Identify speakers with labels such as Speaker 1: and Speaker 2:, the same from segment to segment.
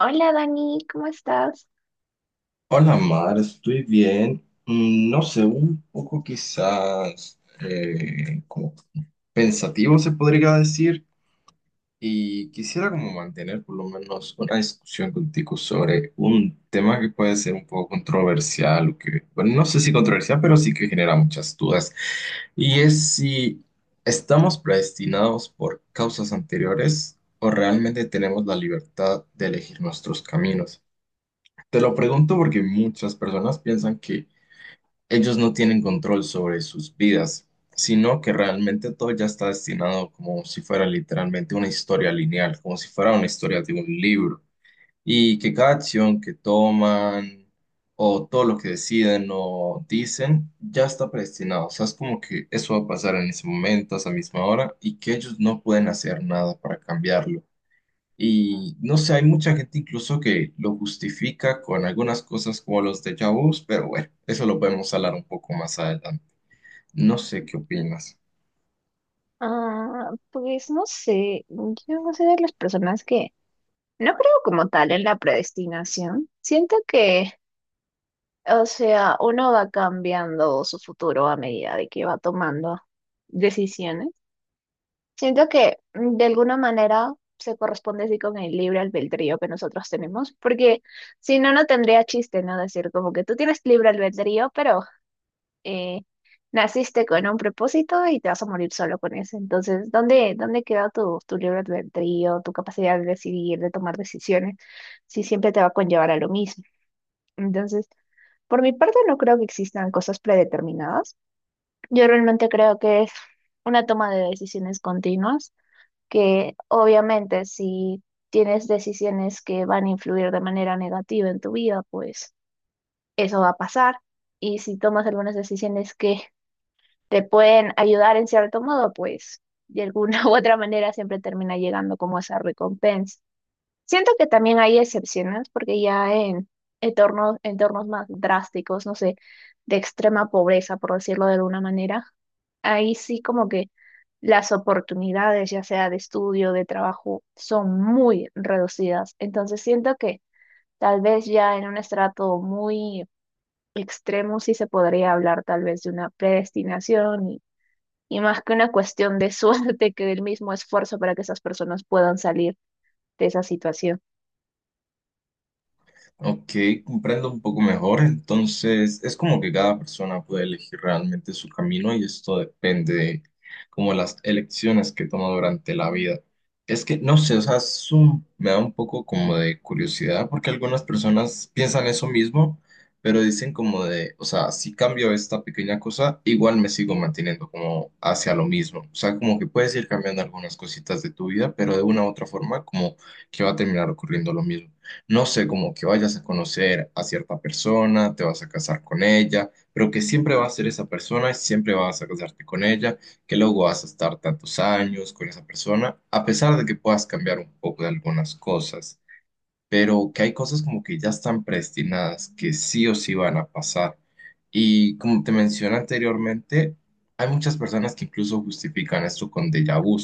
Speaker 1: Hola Dani, ¿cómo estás?
Speaker 2: Hola Mar, estoy bien. No sé, un poco quizás como pensativo se podría decir y quisiera como mantener por lo menos una discusión contigo sobre un tema que puede ser un poco controversial o que, bueno, no sé si controversial, pero sí que genera muchas dudas. Y es si estamos predestinados por causas anteriores o realmente tenemos la libertad de elegir nuestros caminos. Te lo pregunto porque muchas personas piensan que ellos no tienen control sobre sus vidas, sino que realmente todo ya está destinado como si fuera literalmente una historia lineal, como si fuera una historia de un libro, y que cada acción que toman o todo lo que deciden o dicen ya está predestinado. O sea, es como que eso va a pasar en ese momento, a esa misma hora, y que ellos no pueden hacer nada para cambiarlo. Y no sé, hay mucha gente incluso que lo justifica con algunas cosas como los déjà vus, pero bueno, eso lo podemos hablar un poco más adelante. No sé qué opinas.
Speaker 1: Ah, pues no sé, yo no soy de las personas que no creo como tal en la predestinación. Siento que, o sea, uno va cambiando su futuro a medida de que va tomando decisiones. Siento que de alguna manera se corresponde así con el libre albedrío que nosotros tenemos, porque si no, no tendría chiste, ¿no? Decir como que tú tienes libre albedrío, pero eh, naciste con un propósito y te vas a morir solo con ese. Entonces, ¿dónde queda tu libre albedrío, tu capacidad de decidir, de tomar decisiones, si siempre te va a conllevar a lo mismo? Entonces, por mi parte, no creo que existan cosas predeterminadas. Yo realmente creo que es una toma de decisiones continuas, que obviamente si tienes decisiones que van a influir de manera negativa en tu vida, pues eso va a pasar. Y si tomas algunas decisiones que te pueden ayudar en cierto modo, pues de alguna u otra manera siempre termina llegando como esa recompensa. Siento que también hay excepciones, porque ya en entornos más drásticos, no sé, de extrema pobreza, por decirlo de alguna manera, ahí sí como que las oportunidades, ya sea de estudio, de trabajo, son muy reducidas. Entonces siento que tal vez ya en un estrato muy extremo sí se podría hablar tal vez de una predestinación y más que una cuestión de suerte que del mismo esfuerzo para que esas personas puedan salir de esa situación.
Speaker 2: Ok, comprendo un poco mejor. Entonces, es como que cada persona puede elegir realmente su camino y esto depende de como las elecciones que toma durante la vida. Es que, no sé, o sea, es me da un poco como de curiosidad porque algunas personas piensan eso mismo, pero dicen como de, o sea, si cambio esta pequeña cosa, igual me sigo manteniendo como hacia lo mismo. O sea, como que puedes ir cambiando algunas cositas de tu vida, pero de una u otra forma como que va a terminar ocurriendo lo mismo, no sé, como que vayas a conocer a cierta persona, te vas a casar con ella, pero que siempre va a ser esa persona y siempre vas a casarte con ella, que luego vas a estar tantos años con esa persona, a pesar de que puedas cambiar un poco de algunas cosas, pero que hay cosas como que ya están predestinadas, que sí o sí van a pasar. Y como te mencioné anteriormente, hay muchas personas que incluso justifican esto con déjà vu,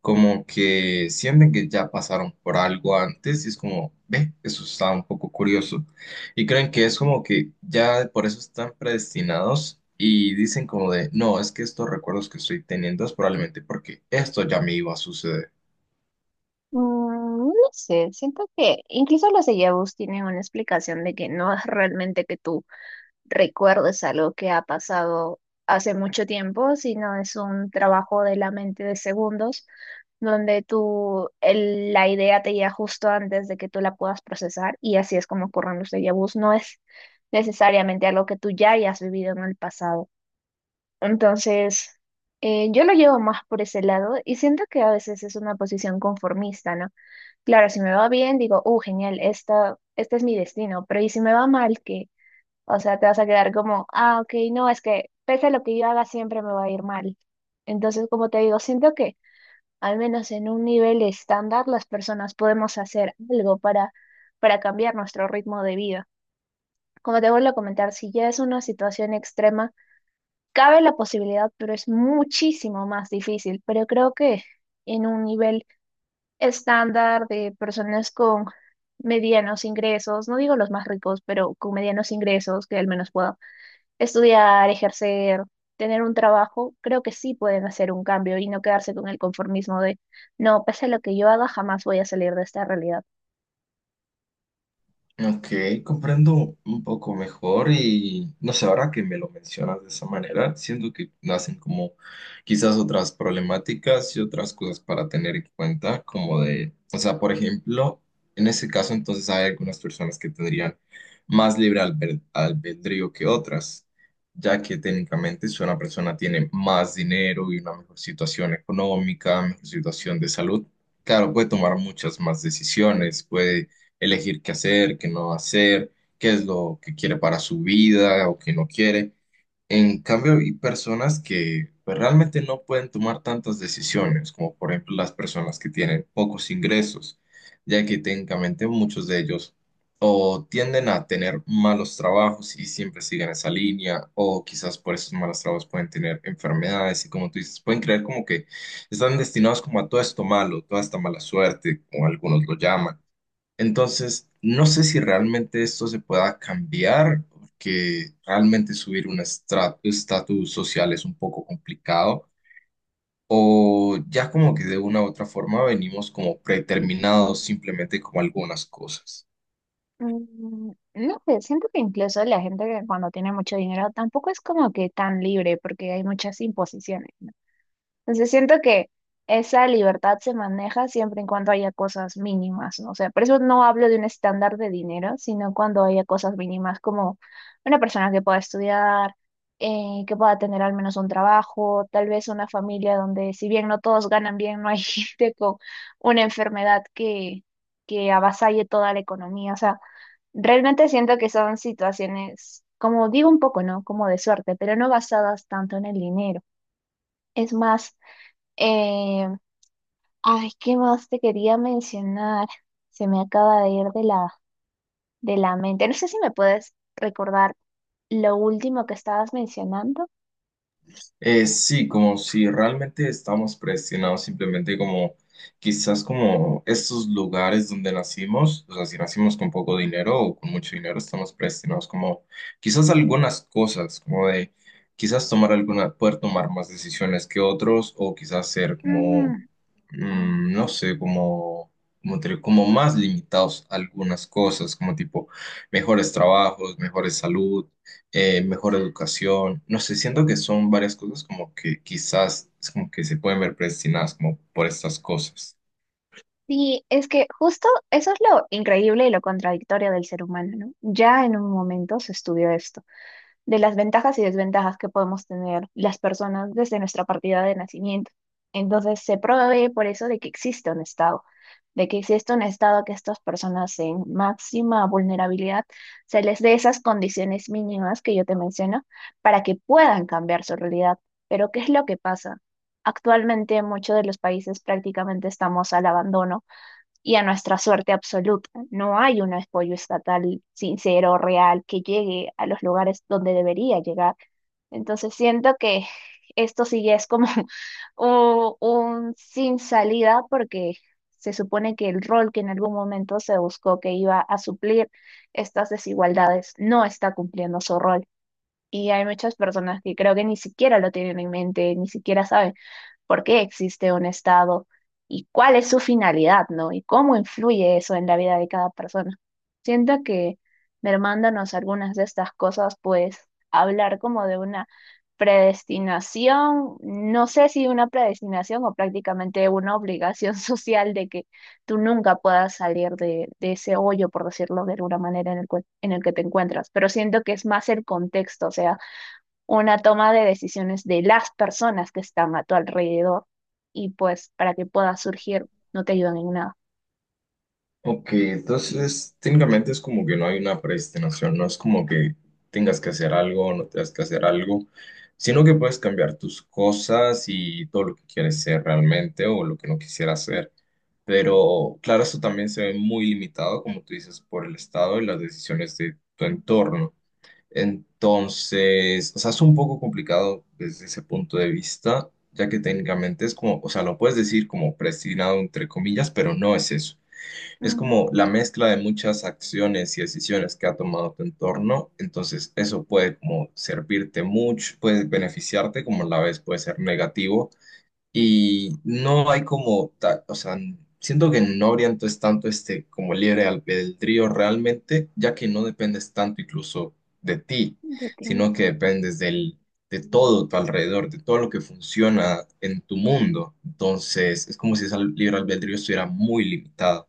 Speaker 2: como que sienten que ya pasaron por algo antes y es como, ve, eso está un poco curioso. Y creen que es como que ya por eso están predestinados y dicen como de, no, es que estos recuerdos que estoy teniendo es probablemente porque esto ya me iba a suceder.
Speaker 1: Mm, no sé, siento que incluso los déjà-vus tienen una explicación de que no es realmente que tú recuerdes algo que ha pasado hace mucho tiempo, sino es un trabajo de la mente de segundos, donde tú, la idea te llega justo antes de que tú la puedas procesar y así es como ocurren los déjà-vus. No es necesariamente algo que tú ya hayas vivido en el pasado. Entonces, yo lo llevo más por ese lado y siento que a veces es una posición conformista, ¿no? Claro, si me va bien, digo, genial, este es mi destino, pero ¿y si me va mal, qué? O sea, te vas a quedar como, ah, ok, no, es que pese a lo que yo haga, siempre me va a ir mal. Entonces, como te digo, siento que al menos en un nivel estándar las personas podemos hacer algo para cambiar nuestro ritmo de vida. Como te vuelvo a comentar, si ya es una situación extrema, cabe la posibilidad, pero es muchísimo más difícil. Pero creo que en un nivel estándar de personas con medianos ingresos, no digo los más ricos, pero con medianos ingresos que al menos puedan estudiar, ejercer, tener un trabajo, creo que sí pueden hacer un cambio y no quedarse con el conformismo de, no, pese a lo que yo haga, jamás voy a salir de esta realidad.
Speaker 2: Ok, comprendo un poco mejor y no sé, ahora que me lo mencionas de esa manera, siento que nacen como quizás otras problemáticas y otras cosas para tener en cuenta, como de, o sea, por ejemplo, en ese caso entonces hay algunas personas que tendrían más libre albedrío que otras, ya que técnicamente si una persona tiene más dinero y una mejor situación económica, mejor situación de salud, claro, puede tomar muchas más decisiones, puede elegir qué hacer, qué no hacer, qué es lo que quiere para su vida o qué no quiere. En cambio, hay personas que pues, realmente no pueden tomar tantas decisiones, como por ejemplo las personas que tienen pocos ingresos, ya que técnicamente muchos de ellos o tienden a tener malos trabajos y siempre siguen esa línea, o quizás por esos malos trabajos pueden tener enfermedades y como tú dices, pueden creer como que están destinados como a todo esto malo, toda esta mala suerte, como algunos lo llaman. Entonces, no sé si realmente esto se pueda cambiar, porque realmente subir un estatus social es un poco complicado, o ya como que de una u otra forma venimos como predeterminados simplemente como algunas cosas.
Speaker 1: No sé, siento que incluso la gente que cuando tiene mucho dinero tampoco es como que tan libre porque hay muchas imposiciones. Entonces siento que esa libertad se maneja siempre en cuanto haya cosas mínimas, ¿no? O sea, por eso no hablo de un estándar de dinero, sino cuando haya cosas mínimas como una persona que pueda estudiar, que pueda tener al menos un trabajo, tal vez una familia donde si bien no todos ganan bien, no hay gente con una enfermedad que avasalle toda la economía. O sea, realmente siento que son situaciones, como digo un poco, ¿no? Como de suerte, pero no basadas tanto en el dinero. Es más eh, ay, ¿qué más te quería mencionar? Se me acaba de ir de de la mente. No sé si me puedes recordar lo último que estabas mencionando.
Speaker 2: Sí, como si realmente estamos presionados, simplemente como quizás como estos lugares donde nacimos, o sea, si nacimos con poco dinero o con mucho dinero, estamos presionados, como quizás algunas cosas, como de quizás tomar alguna, poder tomar más decisiones que otros o quizás ser como,
Speaker 1: Mm,
Speaker 2: mm, no sé, como, como más limitados a algunas cosas, como tipo mejores trabajos, mejores salud, mejor educación, no sé, siento que son varias cosas como que quizás es como que se pueden ver predestinadas como por estas cosas.
Speaker 1: sí, es que justo eso es lo increíble y lo contradictorio del ser humano, ¿no? Ya en un momento se estudió esto de las ventajas y desventajas que podemos tener las personas desde nuestra partida de nacimiento. Entonces se provee por eso de que existe un Estado, de que existe un Estado que estas personas en máxima vulnerabilidad se les dé esas condiciones mínimas que yo te menciono para que puedan cambiar su realidad. Pero ¿qué es lo que pasa? Actualmente muchos de los países prácticamente estamos al abandono y a nuestra suerte absoluta. No hay un apoyo estatal sincero, real, que llegue a los lugares donde debería llegar. Entonces siento que esto sí ya es como un sin salida porque se supone que el rol que en algún momento se buscó que iba a suplir estas desigualdades no está cumpliendo su rol. Y hay muchas personas que creo que ni siquiera lo tienen en mente, ni siquiera saben por qué existe un Estado y cuál es su finalidad, ¿no? Y cómo influye eso en la vida de cada persona. Siento que mermándonos algunas de estas cosas, pues hablar como de una predestinación, no sé si una predestinación o prácticamente una obligación social de que tú nunca puedas salir de ese hoyo, por decirlo de alguna manera, en el, en el que te encuentras. Pero siento que es más el contexto, o sea, una toma de decisiones de las personas que están a tu alrededor y pues para que pueda surgir no te ayudan en nada.
Speaker 2: Ok, entonces técnicamente es como que no hay una predestinación, no es como que tengas que hacer algo o no tengas que hacer algo, sino que puedes cambiar tus cosas y todo lo que quieres ser realmente o lo que no quisieras ser. Pero claro, eso también se ve muy limitado, como tú dices, por el estado y las decisiones de tu entorno. Entonces, o sea, es un poco complicado desde ese punto de vista, ya que técnicamente es como, o sea, lo puedes decir como predestinado entre comillas, pero no es eso. Es
Speaker 1: Ujú,
Speaker 2: como la mezcla de muchas acciones y decisiones que ha tomado tu entorno, entonces eso puede como servirte mucho, puede beneficiarte, como a la vez puede ser negativo y no hay como, o sea, siento que no habría entonces tanto este como libre albedrío realmente, ya que no dependes tanto incluso de ti,
Speaker 1: de ti mismo.
Speaker 2: sino que dependes del, de todo tu alrededor, de todo lo que funciona en tu mundo. Entonces, es como si ese libre albedrío estuviera muy limitado.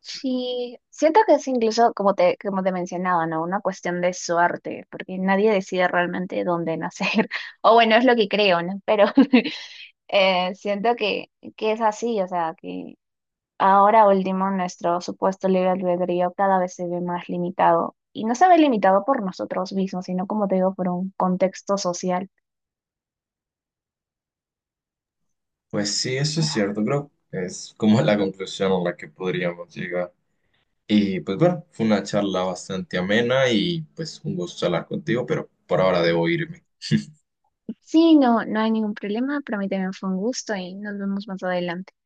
Speaker 1: Sí, siento que es incluso como como te mencionaba, ¿no? Una cuestión de suerte, porque nadie decide realmente dónde nacer. O bueno, es lo que creo, ¿no? Pero siento que es así, o sea, que ahora último, nuestro supuesto libre albedrío cada vez se ve más limitado. Y no se ve limitado por nosotros mismos, sino como te digo, por un contexto social.
Speaker 2: Pues sí, eso es cierto, creo, que es como la conclusión a la que podríamos llegar. Y pues bueno, fue una charla bastante amena y pues un gusto hablar contigo, pero por ahora debo irme.
Speaker 1: Sí, no, no hay ningún problema. Para mí también fue un gusto y nos vemos más adelante.